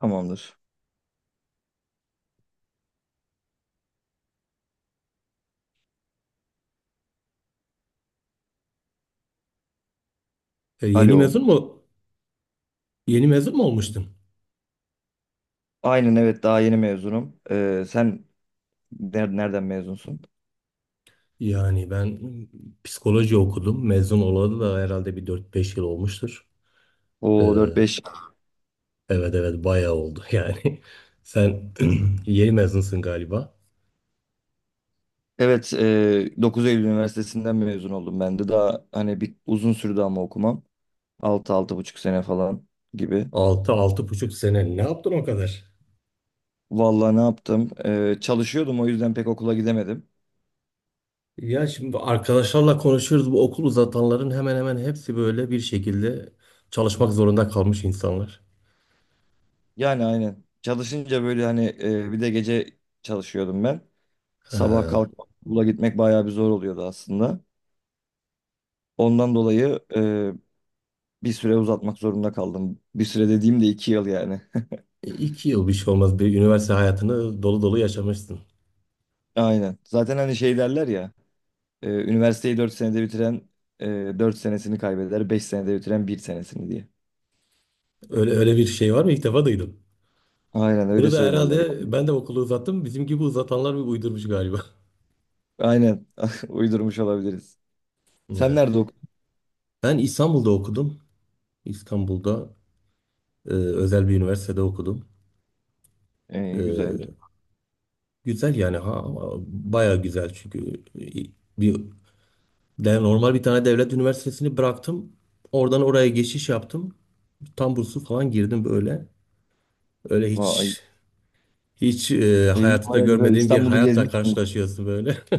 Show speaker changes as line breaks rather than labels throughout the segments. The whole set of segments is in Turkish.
Tamamdır.
Yeni
Alo.
mezun mu? Yeni mezun mu olmuştun?
Aynen evet daha yeni mezunum. Sen nereden mezunsun?
Yani ben psikoloji okudum. Mezun olalı da herhalde bir dört beş yıl olmuştur. E,
O dört beş.
evet evet bayağı oldu yani. Sen yeni mezunsun galiba.
Evet Dokuz Eylül Üniversitesi'nden mezun oldum ben de. Daha hani bir uzun sürdü ama okumam. Altı altı buçuk sene falan gibi.
Altı altı buçuk sene ne yaptın o kadar?
Vallahi ne yaptım? Çalışıyordum o yüzden pek okula gidemedim.
Ya şimdi arkadaşlarla konuşuyoruz. Bu okul uzatanların hemen hemen hepsi böyle bir şekilde çalışmak zorunda kalmış insanlar.
Yani aynen. Çalışınca böyle hani bir de gece çalışıyordum ben. Sabah
Ha,
kalkıp okula gitmek bayağı bir zor oluyordu aslında. Ondan dolayı bir süre uzatmak zorunda kaldım. Bir süre dediğim de 2 yıl yani.
iki yıl bir şey olmaz. Bir üniversite hayatını dolu dolu yaşamışsın.
Aynen. Zaten hani şey derler ya. Üniversiteyi 4 senede bitiren e, 4 senesini kaybeder, 5 senede bitiren bir senesini diye.
Öyle öyle bir şey var mı? İlk defa duydum.
Aynen öyle
Bunu da
söylerler,
herhalde
yani.
ben de okulu uzattım. Bizim gibi uzatanlar bir uydurmuş galiba.
Aynen. Uydurmuş olabiliriz. Sen
Ya.
nerede okudun?
Ben İstanbul'da okudum. İstanbul'da özel bir üniversitede okudum.
Güzel.
E, Güzel yani ha baya güzel çünkü bir de normal bir tane devlet üniversitesini bıraktım. Oradan oraya geçiş yaptım. Tam burslu falan girdim böyle. Öyle
Vay.
hiç
İyi,
hayatında
baya güzel.
görmediğim bir
İstanbul'u
hayatla
gezmişsin.
karşılaşıyorsun böyle.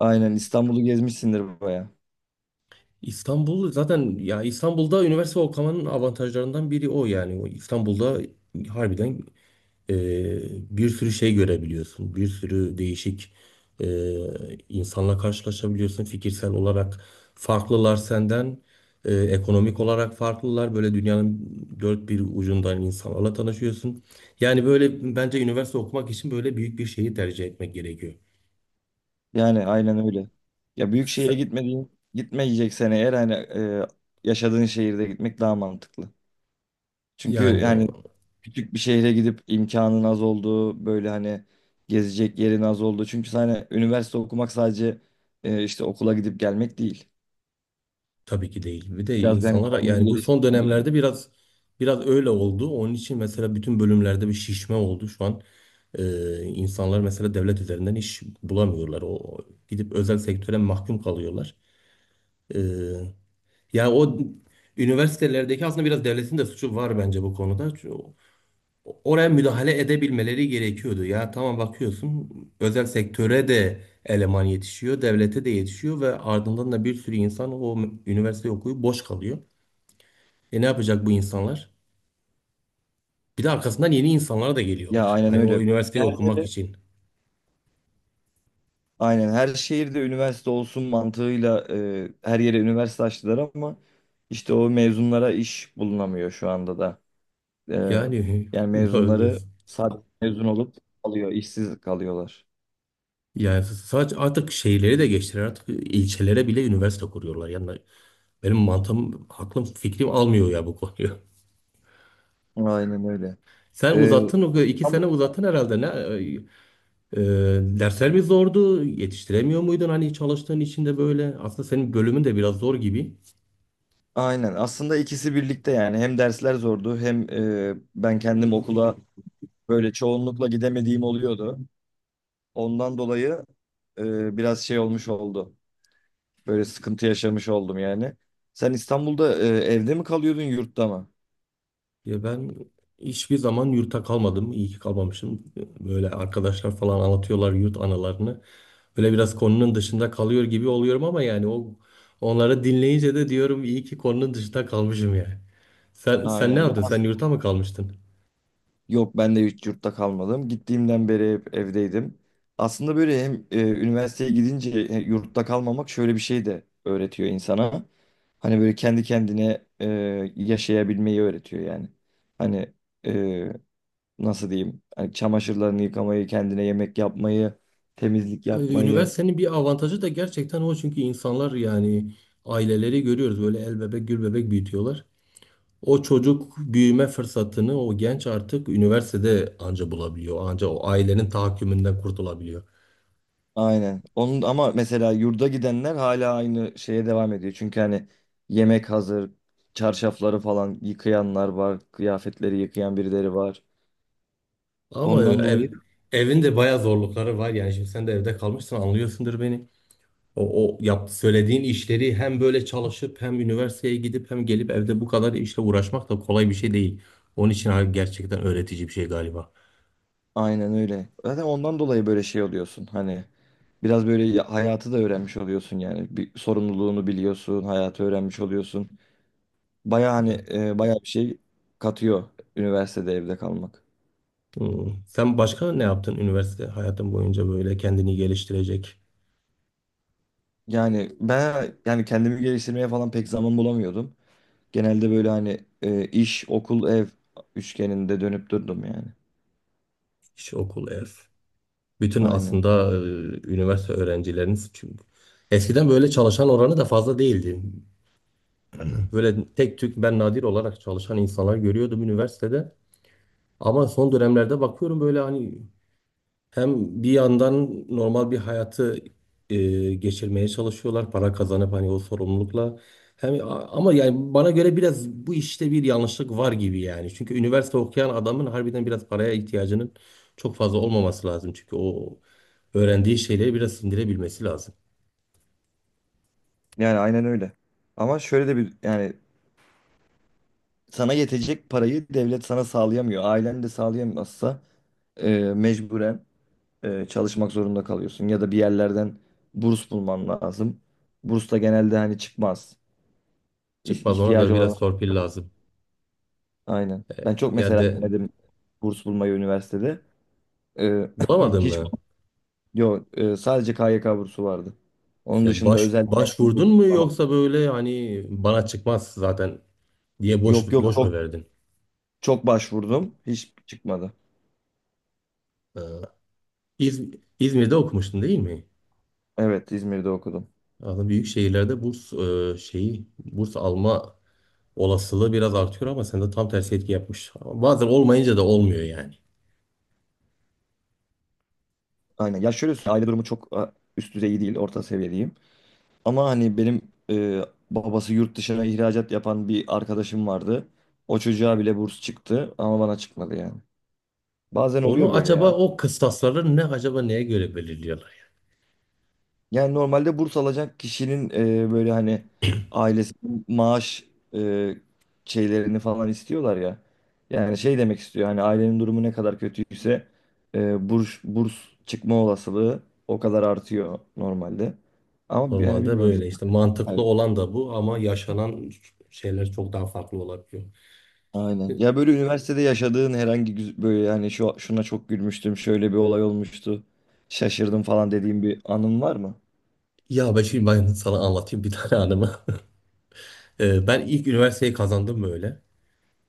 Aynen İstanbul'u gezmişsindir baya.
İstanbul zaten ya İstanbul'da üniversite okumanın avantajlarından biri o yani. O İstanbul'da harbiden e, bir sürü şey görebiliyorsun. Bir sürü değişik e, insanla karşılaşabiliyorsun. Fikirsel olarak farklılar senden. Ekonomik olarak farklılar. Böyle dünyanın dört bir ucundan insanlarla tanışıyorsun. Yani böyle bence üniversite okumak için böyle büyük bir şeyi tercih etmek gerekiyor.
Yani aynen öyle. Ya büyük şehire
Sen-
gitmediğin, gitmeyeceksen eğer hani yaşadığın şehirde gitmek daha mantıklı. Çünkü
Yani
yani küçük bir şehre gidip imkanın az olduğu böyle hani gezecek yerin az olduğu. Çünkü hani üniversite okumak sadece işte okula gidip gelmek değil.
Tabii ki değil. Bir de
Biraz yani
insanlara
kendini
yani bu son
geliştirmen gerek.
dönemlerde biraz öyle oldu. Onun için mesela bütün bölümlerde bir şişme oldu şu an. İnsanlar mesela devlet üzerinden iş bulamıyorlar. O gidip özel sektöre mahkum kalıyorlar. Ee, Yani o üniversitelerdeki aslında biraz devletin de suçu var bence bu konuda. Çünkü oraya müdahale edebilmeleri gerekiyordu. Ya tamam bakıyorsun özel sektöre de eleman yetişiyor, devlete de yetişiyor ve ardından da bir sürü insan o üniversite okuyup boş kalıyor. E ne yapacak bu insanlar? Bir de arkasından yeni insanlar da
Ya
geliyorlar.
aynen
Hani o
öyle.
üniversiteyi
Her
okumak
yere,
için.
aynen her şehirde üniversite olsun mantığıyla her yere üniversite açtılar ama işte o mezunlara iş bulunamıyor şu anda da. E,
Yani
yani
doğru
mezunları
diyorsun.
sadece mezun olup kalıyor, işsiz kalıyorlar.
Yani sadece artık şehirleri de geçtiler. Artık ilçelere bile üniversite kuruyorlar. Yani benim mantığım, aklım, fikrim almıyor ya bu konuyu.
Aynen öyle.
Sen
E,
uzattın, o iki sene uzattın herhalde. E, Dersler mi zordu? Yetiştiremiyor muydun hani çalıştığın içinde böyle? Aslında senin bölümün de biraz zor gibi.
Aynen. Aslında ikisi birlikte yani hem dersler zordu hem ben kendim okula böyle çoğunlukla gidemediğim oluyordu. Ondan dolayı biraz şey olmuş oldu. Böyle sıkıntı yaşamış oldum yani. Sen İstanbul'da evde mi kalıyordun yurtta mı?
Ya ben hiçbir zaman yurtta kalmadım. İyi ki kalmamışım. Böyle arkadaşlar falan anlatıyorlar yurt anılarını. Böyle biraz konunun dışında kalıyor gibi oluyorum ama yani onları dinleyince de diyorum iyi ki konunun dışında kalmışım yani. Sen ne
Aynen.
yaptın? Sen yurtta mı kalmıştın?
Yok ben de hiç yurtta kalmadım. Gittiğimden beri hep evdeydim. Aslında böyle hem üniversiteye gidince yurtta kalmamak şöyle bir şey de öğretiyor insana. Hani böyle kendi kendine yaşayabilmeyi öğretiyor yani. Hani e, nasıl diyeyim? Hani çamaşırlarını yıkamayı, kendine yemek yapmayı, temizlik yapmayı.
Üniversitenin bir avantajı da gerçekten o çünkü insanlar yani aileleri görüyoruz böyle el bebek gül bebek büyütüyorlar. O çocuk büyüme fırsatını o genç artık üniversitede anca bulabiliyor. Anca o ailenin tahakkümünden kurtulabiliyor.
Aynen. Onun ama mesela yurda gidenler hala aynı şeye devam ediyor. Çünkü hani yemek hazır, çarşafları falan yıkayanlar var, kıyafetleri yıkayan birileri var.
Ama
Ondan dolayı.
evin de bayağı zorlukları var. Yani şimdi sen de evde kalmışsın anlıyorsundur beni. Söylediğin işleri hem böyle çalışıp hem üniversiteye gidip hem gelip evde bu kadar işle uğraşmak da kolay bir şey değil. Onun için abi gerçekten öğretici bir şey galiba.
Aynen öyle. Zaten ondan dolayı böyle şey oluyorsun. Hani biraz böyle hayatı da öğrenmiş oluyorsun yani. Bir sorumluluğunu biliyorsun, hayatı öğrenmiş oluyorsun. Baya hani baya bir şey katıyor üniversitede evde kalmak.
Hmm. Sen başka ne yaptın üniversite hayatın boyunca böyle kendini geliştirecek
Yani ben yani kendimi geliştirmeye falan pek zaman bulamıyordum. Genelde böyle hani iş, okul, ev üçgeninde dönüp durdum yani.
iş, okul, ev? Bütün
Aynen.
aslında üniversite öğrencileriniz çünkü eskiden böyle çalışan oranı da fazla değildi. Böyle tek tük ben nadir olarak çalışan insanlar görüyordum üniversitede. Ama son dönemlerde bakıyorum böyle hani hem bir yandan normal bir hayatı geçirmeye çalışıyorlar para kazanıp hani o sorumlulukla. Hem ama yani bana göre biraz bu işte bir yanlışlık var gibi yani. Çünkü üniversite okuyan adamın harbiden biraz paraya ihtiyacının çok fazla olmaması lazım. Çünkü o öğrendiği şeyleri biraz sindirebilmesi lazım.
Yani aynen öyle. Ama şöyle de bir yani sana yetecek parayı devlet sana sağlayamıyor. Ailen de sağlayamazsa mecburen çalışmak zorunda kalıyorsun. Ya da bir yerlerden burs bulman lazım. Burs da genelde hani çıkmaz. İh-
Çıkmaz ona da
ihtiyacı olan
biraz torpil lazım.
aynen. Ben çok
Ya
mesela denedim burs bulmayı üniversitede. E,
bulamadın
Hiç
mı?
yok, sadece KYK bursu vardı. Onun dışında özel bir yerden
Başvurdun
burs
mu
bulamam.
yoksa böyle hani bana çıkmaz zaten diye boş
Yok yok
boş mu
çok
verdin?
çok başvurdum. Hiç çıkmadı.
E, İz, İzmir'de okumuştun değil mi?
Evet İzmir'de okudum.
Aslında büyük şehirlerde burs şeyi burs alma olasılığı biraz artıyor ama sende tam tersi etki yapmış. Bazen olmayınca da olmuyor yani.
Aynen. Ya şöyle söyleyeyim, aile durumu çok üst düzey değil, orta seviye diyeyim. Ama hani benim e, babası yurt dışına ihracat yapan bir arkadaşım vardı. O çocuğa bile burs çıktı ama bana çıkmadı yani. Bazen oluyor
Onu
böyle
acaba
ya.
o kıstasları ne acaba neye göre belirliyorlar yani?
Yani normalde burs alacak kişinin böyle hani ailesi maaş e, şeylerini falan istiyorlar ya. Yani şey demek istiyor hani ailenin durumu ne kadar kötüyse burs çıkma olasılığı o kadar artıyor normalde. Ama yani
Normalde
bilmiyorum
böyle işte mantıklı
bizim.
olan da bu ama yaşanan şeyler çok daha farklı olabiliyor.
Aynen.
E,
Ya böyle üniversitede yaşadığın herhangi böyle yani şuna çok gülmüştüm, şöyle bir olay olmuştu. Şaşırdım falan dediğim bir anın var mı?
Ya ben şimdi sana anlatayım bir tane anımı. Ben ilk üniversiteyi kazandım böyle.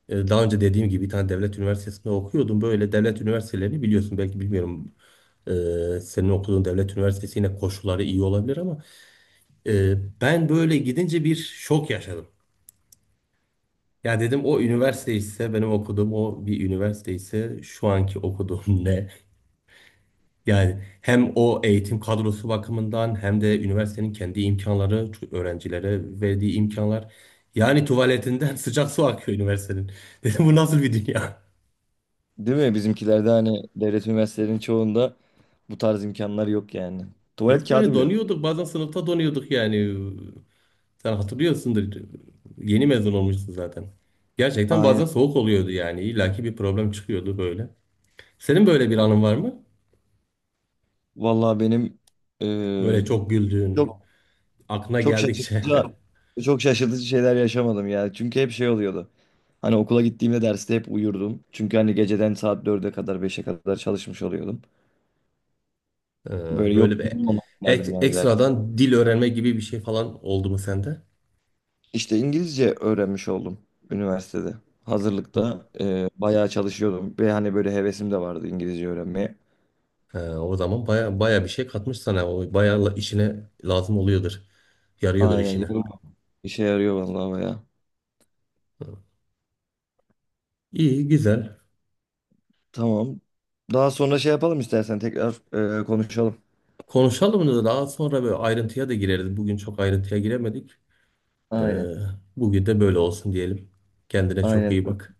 Daha önce dediğim gibi bir tane devlet üniversitesinde okuyordum. Böyle devlet üniversitelerini biliyorsun belki bilmiyorum. Senin okuduğun devlet üniversitesi yine koşulları iyi olabilir ama e, ben böyle gidince bir şok yaşadım. Ya dedim o üniversite ise benim okuduğum o bir üniversite ise şu anki okuduğum ne? Yani hem o eğitim kadrosu bakımından hem de üniversitenin kendi imkanları, öğrencilere verdiği imkanlar. Yani tuvaletinden sıcak su akıyor üniversitenin. Dedim bu nasıl bir dünya?
Değil mi? Bizimkilerde hani devlet üniversitelerinin çoğunda bu tarz imkanlar yok yani. Tuvalet
Yok yani
kağıdı bile yok.
donuyorduk bazen sınıfta donuyorduk yani. Sen hatırlıyorsundur. Yeni mezun olmuşsun zaten. Gerçekten
Aynen.
bazen soğuk oluyordu yani. İllaki bir problem çıkıyordu böyle. Senin böyle bir anın var mı?
Vallahi benim
Böyle
eee,
çok güldüğün,
çok
aklına
çok
geldikçe.
şaşırtıcı çok şaşırtıcı şeyler yaşamadım ya. Çünkü hep şey oluyordu. Hani okula gittiğimde derste hep uyurdum. Çünkü hani geceden saat dörde kadar beşe kadar çalışmış oluyordum. Böyle yok
Böyle bir
derdim yani.
ekstradan dil öğrenme gibi bir şey falan oldu mu sende?
İşte İngilizce öğrenmiş oldum üniversitede. Hazırlıkta bayağı çalışıyordum ve hani böyle hevesim de vardı İngilizce öğrenmeye.
O zaman baya baya bir şey katmış sana. O baya işine lazım oluyordur. Yarıyordur
Aynen
işine.
yavrum işe yarıyor vallahi bayağı.
İyi güzel.
Tamam. Daha sonra şey yapalım istersen tekrar konuşalım.
Konuşalım da daha sonra böyle ayrıntıya da gireriz. Bugün çok ayrıntıya giremedik. Ee,
Aynen.
Bugün de böyle olsun diyelim. Kendine çok
Aynen.
iyi bak.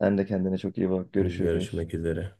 Sen de kendine çok iyi bak. Görüşürüz.
Görüşmek üzere.